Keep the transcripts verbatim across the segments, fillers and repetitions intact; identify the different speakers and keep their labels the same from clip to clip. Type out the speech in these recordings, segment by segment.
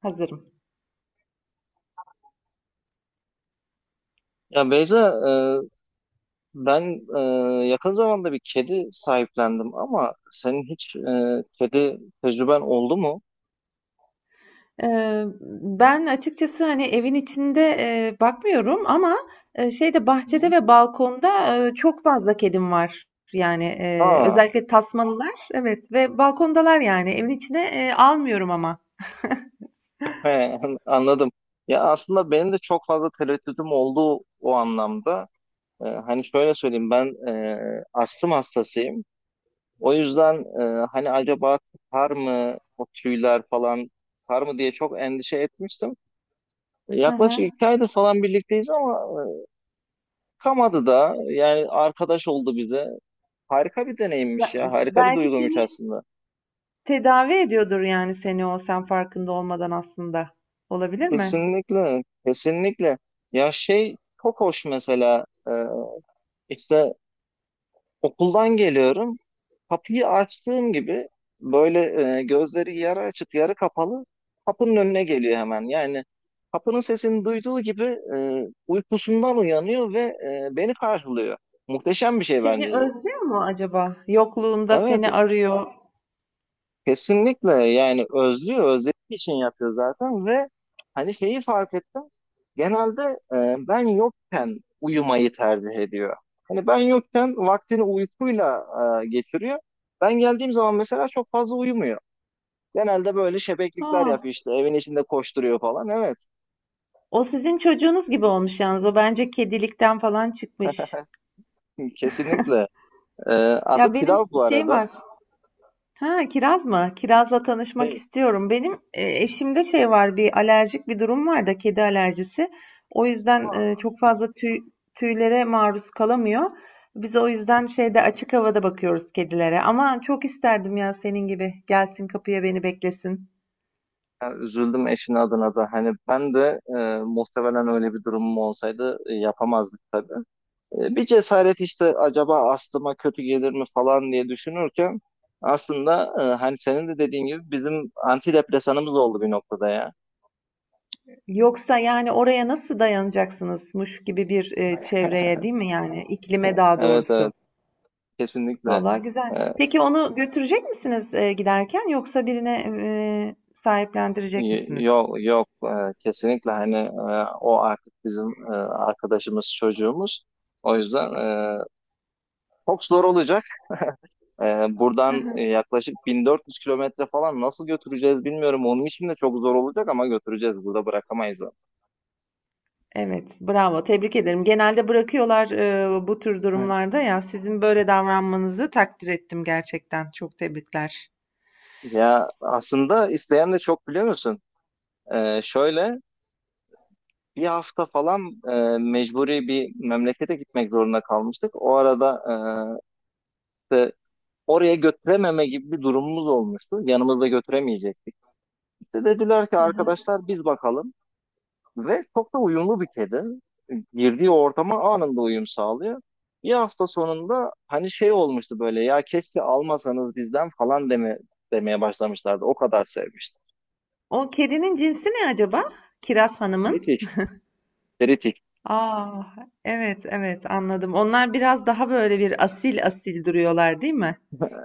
Speaker 1: Hazırım.
Speaker 2: Ya Beyza, e, ben e, yakın zamanda bir kedi sahiplendim ama senin hiç e, kedi tecrüben oldu mu?
Speaker 1: Eee, ben açıkçası, hani, evin içinde, eee, bakmıyorum ama, eee, şeyde bahçede
Speaker 2: Hı.
Speaker 1: ve balkonda, eee, çok fazla kedim var. Yani, eee,
Speaker 2: Ha,
Speaker 1: özellikle tasmalılar, evet ve balkondalar yani. Evin içine, eee, almıyorum ama.
Speaker 2: he, anladım. Ya aslında benim de çok fazla tereddütüm oldu o anlamda. E, hani şöyle söyleyeyim, ben e, astım hastasıyım. O yüzden e, hani acaba tutar mı o tüyler falan tutar mı diye çok endişe etmiştim.
Speaker 1: Hı
Speaker 2: Yaklaşık
Speaker 1: hı.
Speaker 2: iki aydır falan birlikteyiz ama e, kamadı da yani arkadaş oldu bize. Harika bir
Speaker 1: Be
Speaker 2: deneyimmiş ya. Harika bir
Speaker 1: belki
Speaker 2: duyguymuş
Speaker 1: seni
Speaker 2: aslında.
Speaker 1: tedavi ediyordur yani seni o, sen farkında olmadan aslında. Olabilir mi?
Speaker 2: Kesinlikle. Kesinlikle. Ya şey, çok hoş mesela e, işte okuldan geliyorum. Kapıyı açtığım gibi böyle e, gözleri yarı açık yarı kapalı kapının önüne geliyor hemen. Yani kapının sesini duyduğu gibi e, uykusundan uyanıyor ve e, beni karşılıyor. Muhteşem bir şey
Speaker 1: Seni
Speaker 2: bence bu.
Speaker 1: özlüyor mu acaba? Yokluğunda
Speaker 2: Evet.
Speaker 1: seni arıyor.
Speaker 2: Kesinlikle, yani özlüyor, özlediği için yapıyor zaten ve hani şeyi fark ettim. Genelde e, ben yokken uyumayı tercih ediyor. Hani ben yokken vaktini uykuyla e, geçiriyor. Ben geldiğim zaman mesela çok fazla uyumuyor. Genelde böyle şebeklikler
Speaker 1: Ha,
Speaker 2: yapıyor, işte evin içinde koşturuyor falan. Evet,
Speaker 1: o sizin çocuğunuz gibi olmuş yalnız. O bence kedilikten falan çıkmış.
Speaker 2: kesinlikle. E, adı
Speaker 1: Ya
Speaker 2: Pilav
Speaker 1: benim
Speaker 2: bu
Speaker 1: şey
Speaker 2: arada.
Speaker 1: var. Ha, kiraz mı? Kirazla tanışmak
Speaker 2: Hey.
Speaker 1: istiyorum. Benim e, eşimde şey var, bir alerjik bir durum var da kedi alerjisi. O yüzden e, çok fazla tüy, tüylere maruz kalamıyor. Biz o yüzden şeyde açık havada bakıyoruz kedilere. Ama çok isterdim ya senin gibi gelsin kapıya beni beklesin.
Speaker 2: Yani üzüldüm eşin adına da. Hani ben de e, muhtemelen öyle bir durumum olsaydı e, yapamazdık tabii. E, Bir cesaret işte, acaba aslıma kötü gelir mi falan diye düşünürken aslında e, hani senin de dediğin gibi bizim antidepresanımız oldu bir noktada ya.
Speaker 1: Yoksa yani oraya nasıl dayanacaksınızmış gibi bir e, çevreye değil mi yani iklime daha
Speaker 2: Evet, evet,
Speaker 1: doğrusu.
Speaker 2: kesinlikle.
Speaker 1: Vallahi güzel.
Speaker 2: Ee,
Speaker 1: Peki onu götürecek misiniz e, giderken yoksa birine e, sahiplendirecek
Speaker 2: y-
Speaker 1: misiniz?
Speaker 2: yok yok. Ee, kesinlikle hani e, o artık bizim e, arkadaşımız, çocuğumuz. O yüzden e, çok zor olacak. E, buradan e, yaklaşık 1400 kilometre falan nasıl götüreceğiz bilmiyorum. Onun için de çok zor olacak ama götüreceğiz. Burada bırakamayız
Speaker 1: Evet, bravo. Tebrik ederim. Genelde bırakıyorlar e, bu tür
Speaker 2: onu.
Speaker 1: durumlarda ya. Sizin böyle davranmanızı takdir ettim gerçekten. Çok tebrikler.
Speaker 2: Ya aslında isteyen de çok, biliyor musun? Ee, şöyle bir hafta falan e, mecburi bir memlekete gitmek zorunda kalmıştık. O arada e, işte oraya götürememe gibi bir durumumuz olmuştu. Yanımızda götüremeyecektik. İşte dediler ki, arkadaşlar biz bakalım. Ve çok da uyumlu bir kedi. Girdiği ortama anında uyum sağlıyor. Bir hafta sonunda hani şey olmuştu böyle, ya keşke almasanız bizden falan deme, demeye başlamışlardı. O kadar sevmişti.
Speaker 1: O kedinin cinsi ne acaba? Kiraz Hanım'ın.
Speaker 2: Kritik, kritik.
Speaker 1: Aa, evet evet anladım. Onlar biraz daha böyle bir asil asil duruyorlar değil mi?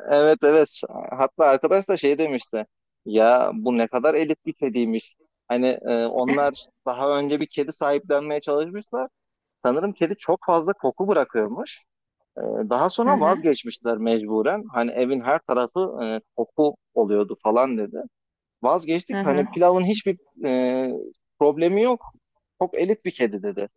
Speaker 2: Evet, evet. Hatta arkadaş da şey demişti. Ya bu ne kadar elit bir kediymiş. Hani e, onlar daha önce bir kedi sahiplenmeye çalışmışlar. Sanırım kedi çok fazla koku bırakıyormuş. E, daha
Speaker 1: Hı
Speaker 2: sonra
Speaker 1: hı,
Speaker 2: vazgeçmişler mecburen. Hani evin her tarafı e, koku oluyordu falan dedi.
Speaker 1: hı
Speaker 2: Vazgeçtik. Hani
Speaker 1: hı.
Speaker 2: pilavın hiçbir e, problemi yok. Çok elit bir kedi dedi.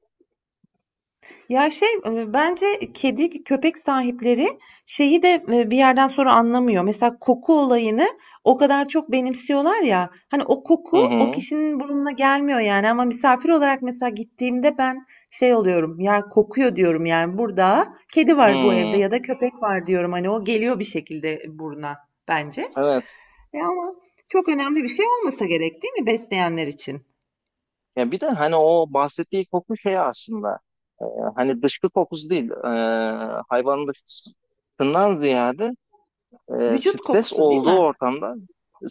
Speaker 1: Ya şey e, bence kedi köpek sahipleri şeyi de e, bir yerden sonra anlamıyor. Mesela koku olayını o kadar çok benimsiyorlar ya. Hani o
Speaker 2: Hı
Speaker 1: koku o
Speaker 2: hı.
Speaker 1: kişinin burnuna gelmiyor yani ama misafir olarak mesela gittiğimde ben şey oluyorum. Ya kokuyor diyorum yani burada kedi var bu evde
Speaker 2: Hı.
Speaker 1: ya da köpek var diyorum. Hani o geliyor bir şekilde buruna bence.
Speaker 2: Evet.
Speaker 1: Ya ama çok önemli bir şey olmasa gerek değil mi besleyenler için?
Speaker 2: Ya bir de hani o bahsettiği koku şey aslında, e, hani dışkı kokusu değil, e, hayvanın dışkısından ziyade e,
Speaker 1: Vücut
Speaker 2: stres
Speaker 1: kokusu değil
Speaker 2: olduğu
Speaker 1: mi?
Speaker 2: ortamda,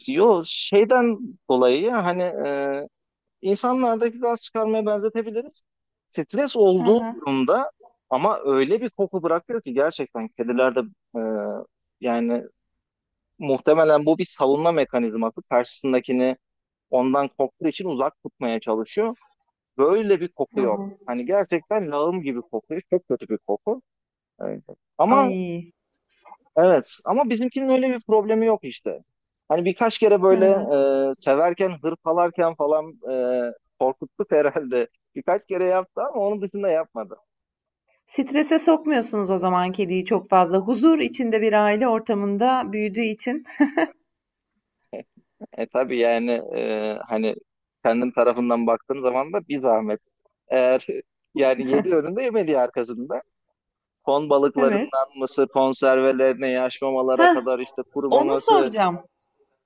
Speaker 2: yo şeyden dolayı ya, hani e, insanlardaki gaz çıkarmaya benzetebiliriz. Stres
Speaker 1: Hı
Speaker 2: olduğu
Speaker 1: hı.
Speaker 2: durumda ama öyle bir koku bırakıyor ki, gerçekten kedilerde e, yani muhtemelen bu bir savunma mekanizması, karşısındakini ondan korktuğu için uzak tutmaya çalışıyor. Böyle bir
Speaker 1: Hı
Speaker 2: koku yok.
Speaker 1: hı.
Speaker 2: Hani gerçekten lağım gibi kokuyor. Çok kötü bir koku. Evet. Ama
Speaker 1: Ay.
Speaker 2: evet, ama bizimkinin öyle bir problemi yok işte. Hani birkaç kere
Speaker 1: Hı
Speaker 2: böyle
Speaker 1: hı.
Speaker 2: e, severken, hırpalarken falan e, korkuttuk herhalde. Birkaç kere yaptı ama onun dışında yapmadı.
Speaker 1: Strese sokmuyorsunuz o zaman kediyi çok fazla. Huzur içinde bir aile ortamında büyüdüğü için.
Speaker 2: E tabii yani, e, hani kendim tarafından baktığım zaman da bir zahmet. Eğer yani, yedi önünde yemediği arkasında. Ton
Speaker 1: Evet.
Speaker 2: balıklarından mısır konservelerine, yaş mamalara
Speaker 1: Heh,
Speaker 2: kadar, işte
Speaker 1: onu
Speaker 2: kurumaması.
Speaker 1: soracağım.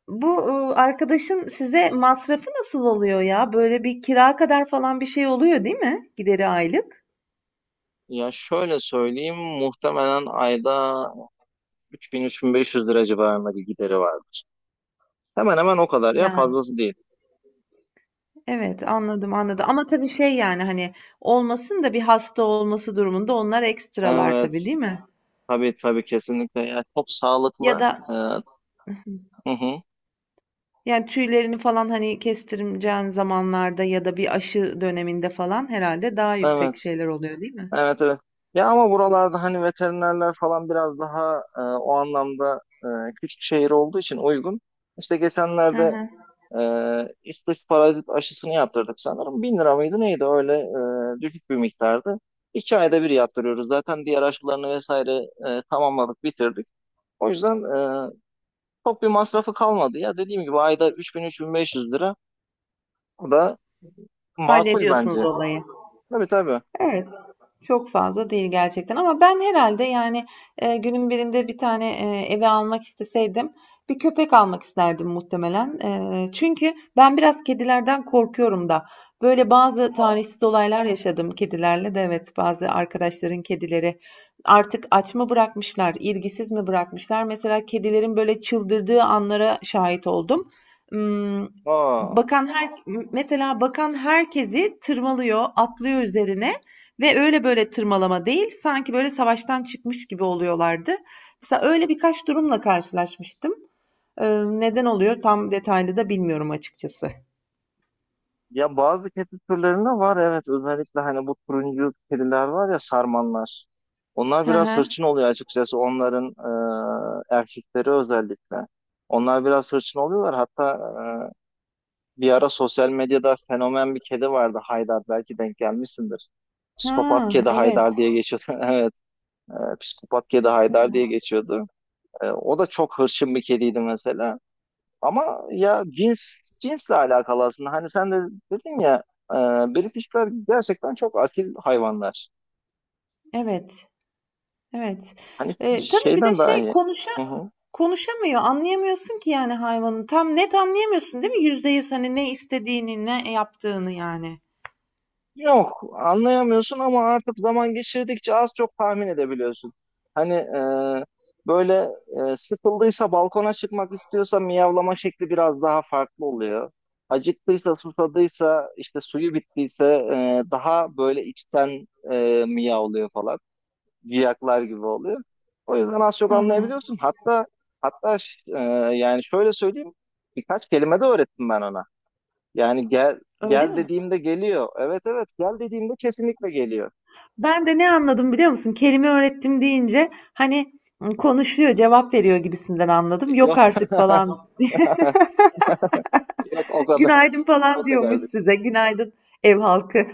Speaker 1: Bu e, arkadaşın size masrafı nasıl oluyor ya? Böyle bir kira kadar falan bir şey oluyor değil mi? Gideri aylık.
Speaker 2: Ya şöyle söyleyeyim, muhtemelen ayda 3000-3500 lira civarında bir gideri vardır. Hemen hemen o kadar ya,
Speaker 1: Yani
Speaker 2: fazlası değil.
Speaker 1: evet anladım anladım. Ama tabii şey yani hani olmasın da bir hasta olması durumunda onlar ekstralar tabii
Speaker 2: Evet,
Speaker 1: değil mi?
Speaker 2: tabii, tabii, kesinlikle. Ya çok
Speaker 1: Ya
Speaker 2: sağlıklı.
Speaker 1: da
Speaker 2: Evet. Hı hı.
Speaker 1: Yani tüylerini falan hani kestireceğin zamanlarda ya da bir aşı döneminde falan herhalde daha
Speaker 2: Evet.
Speaker 1: yüksek şeyler oluyor değil mi?
Speaker 2: Evet, evet. Ya ama buralarda hani veterinerler falan biraz daha e, o anlamda, e, küçük şehir olduğu için uygun. İşte
Speaker 1: Hı
Speaker 2: geçenlerde
Speaker 1: hı.
Speaker 2: Ee, üst üste parazit aşısını yaptırdık sanırım. Bin lira mıydı neydi öyle, e, düşük bir miktardı. iki ayda bir yaptırıyoruz. Zaten diğer aşılarını vesaire e, tamamladık, bitirdik. O yüzden e, çok bir masrafı kalmadı. Ya dediğim gibi ayda 3000-3500 lira. Bu da makul
Speaker 1: Hallediyorsunuz
Speaker 2: bence.
Speaker 1: olayı.
Speaker 2: Tabii, tabii.
Speaker 1: Evet. Çok fazla değil gerçekten ama ben herhalde yani e, günün birinde bir tane e, eve almak isteseydim bir köpek almak isterdim muhtemelen. E, çünkü ben biraz kedilerden korkuyorum da. Böyle bazı
Speaker 2: Aa,
Speaker 1: talihsiz olaylar yaşadım kedilerle de evet bazı arkadaşların kedileri artık aç mı bırakmışlar, ilgisiz mi bırakmışlar? Mesela kedilerin böyle çıldırdığı anlara şahit oldum. Hmm,
Speaker 2: aa.
Speaker 1: Bakan her mesela bakan herkesi tırmalıyor, atlıyor üzerine. Ve öyle böyle tırmalama değil, sanki böyle savaştan çıkmış gibi oluyorlardı. Mesela öyle birkaç durumla karşılaşmıştım. Ee, neden oluyor tam detaylı da bilmiyorum açıkçası.
Speaker 2: Ya bazı kedi türlerinde var, evet, özellikle hani bu turuncu kediler var ya, sarmanlar. Onlar
Speaker 1: Hı
Speaker 2: biraz
Speaker 1: hı.
Speaker 2: hırçın oluyor açıkçası, onların e, erkekleri özellikle. Onlar biraz hırçın oluyorlar. Hatta e, bir ara sosyal medyada fenomen bir kedi vardı, Haydar, belki denk gelmişsindir. Psikopat
Speaker 1: Ha,
Speaker 2: kedi
Speaker 1: evet.
Speaker 2: Haydar diye geçiyordu. Evet, e, psikopat kedi Haydar diye
Speaker 1: Ha,
Speaker 2: geçiyordu. E, o da çok hırçın bir kediydi mesela. Ama ya cins cinsle alakalı aslında. Hani sen de dedin ya, e, Britishler gerçekten çok asil hayvanlar.
Speaker 1: evet. Evet.
Speaker 2: Hani
Speaker 1: Ee, tabii bir de
Speaker 2: şeyden daha
Speaker 1: şey
Speaker 2: iyi.
Speaker 1: konuşa
Speaker 2: Hı hı.
Speaker 1: konuşamıyor. Anlayamıyorsun ki yani hayvanın. Tam net anlayamıyorsun değil mi? Yüzde yüz hani ne istediğini, ne yaptığını yani.
Speaker 2: Yok, anlayamıyorsun ama artık zaman geçirdikçe az çok tahmin edebiliyorsun. Hani e, böyle, e, sıkıldıysa, balkona çıkmak istiyorsa miyavlama şekli biraz daha farklı oluyor. Acıktıysa, susadıysa, işte suyu bittiyse e, daha böyle içten e, miyavlıyor falan. Ciyaklar gibi oluyor. O yüzden az çok
Speaker 1: Hı hı.
Speaker 2: anlayabiliyorsun. Hatta hatta ş- e, yani şöyle söyleyeyim, birkaç kelime de öğrettim ben ona. Yani gel
Speaker 1: Öyle
Speaker 2: gel
Speaker 1: mi?
Speaker 2: dediğimde geliyor. Evet, evet, gel dediğimde kesinlikle geliyor.
Speaker 1: Ben de ne anladım biliyor musun? Kelime öğrettim deyince hani konuşuyor, cevap veriyor gibisinden anladım. Yok
Speaker 2: Yok
Speaker 1: artık falan.
Speaker 2: yok, o kadar
Speaker 1: Günaydın
Speaker 2: o
Speaker 1: falan diyormuş
Speaker 2: kadardı.
Speaker 1: size. Günaydın ev halkı.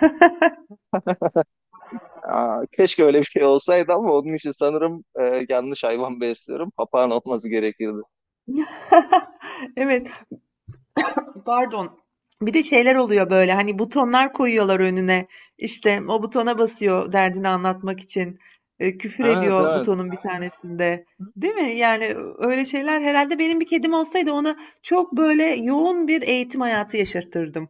Speaker 2: Aa, keşke öyle bir şey olsaydı ama onun için sanırım e, yanlış hayvan besliyorum. Papağan olması gerekirdi.
Speaker 1: Evet, pardon. Bir de şeyler oluyor böyle hani butonlar koyuyorlar önüne. İşte o butona basıyor derdini anlatmak için. E, küfür
Speaker 2: Evet,
Speaker 1: ediyor
Speaker 2: evet.
Speaker 1: butonun bir tanesinde. Değil mi? Yani öyle şeyler herhalde benim bir kedim olsaydı ona çok böyle yoğun bir eğitim hayatı yaşatırdım.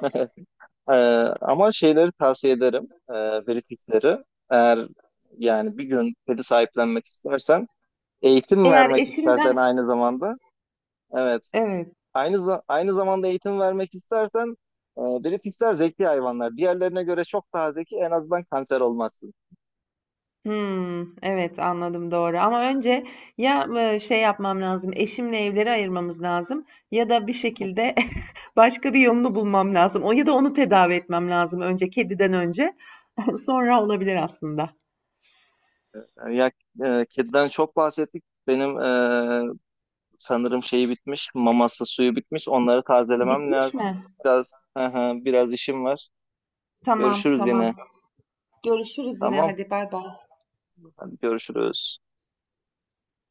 Speaker 2: Ee, ama şeyleri tavsiye ederim. E, pelifixleri. Eğer yani bir gün pedi sahiplenmek istersen, eğitim
Speaker 1: Eğer
Speaker 2: vermek istersen
Speaker 1: eşimden
Speaker 2: aynı zamanda. Evet.
Speaker 1: evet.
Speaker 2: Aynı za- aynı zamanda eğitim vermek istersen, e, pelifixler zeki hayvanlar. Diğerlerine göre çok daha zeki. En azından kanser olmazsın.
Speaker 1: Hımm. Evet, anladım, doğru ama önce ya, eee, şey yapmam lazım, eşimle evleri ayırmamız lazım ya da bir şekilde başka bir yolunu bulmam lazım. O ya da onu tedavi etmem lazım önce, kediden önce. Sonra olabilir aslında.
Speaker 2: Yani ya, e, kediden çok bahsettik. Benim e, sanırım şeyi bitmiş. Maması, suyu bitmiş. Onları tazelemem
Speaker 1: Bitmiş
Speaker 2: lazım.
Speaker 1: mi?
Speaker 2: Biraz biraz işim var.
Speaker 1: Tamam,
Speaker 2: Görüşürüz yine.
Speaker 1: tamam. Görüşürüz yine.
Speaker 2: Tamam.
Speaker 1: Hadi, bay bay.
Speaker 2: Hadi, görüşürüz.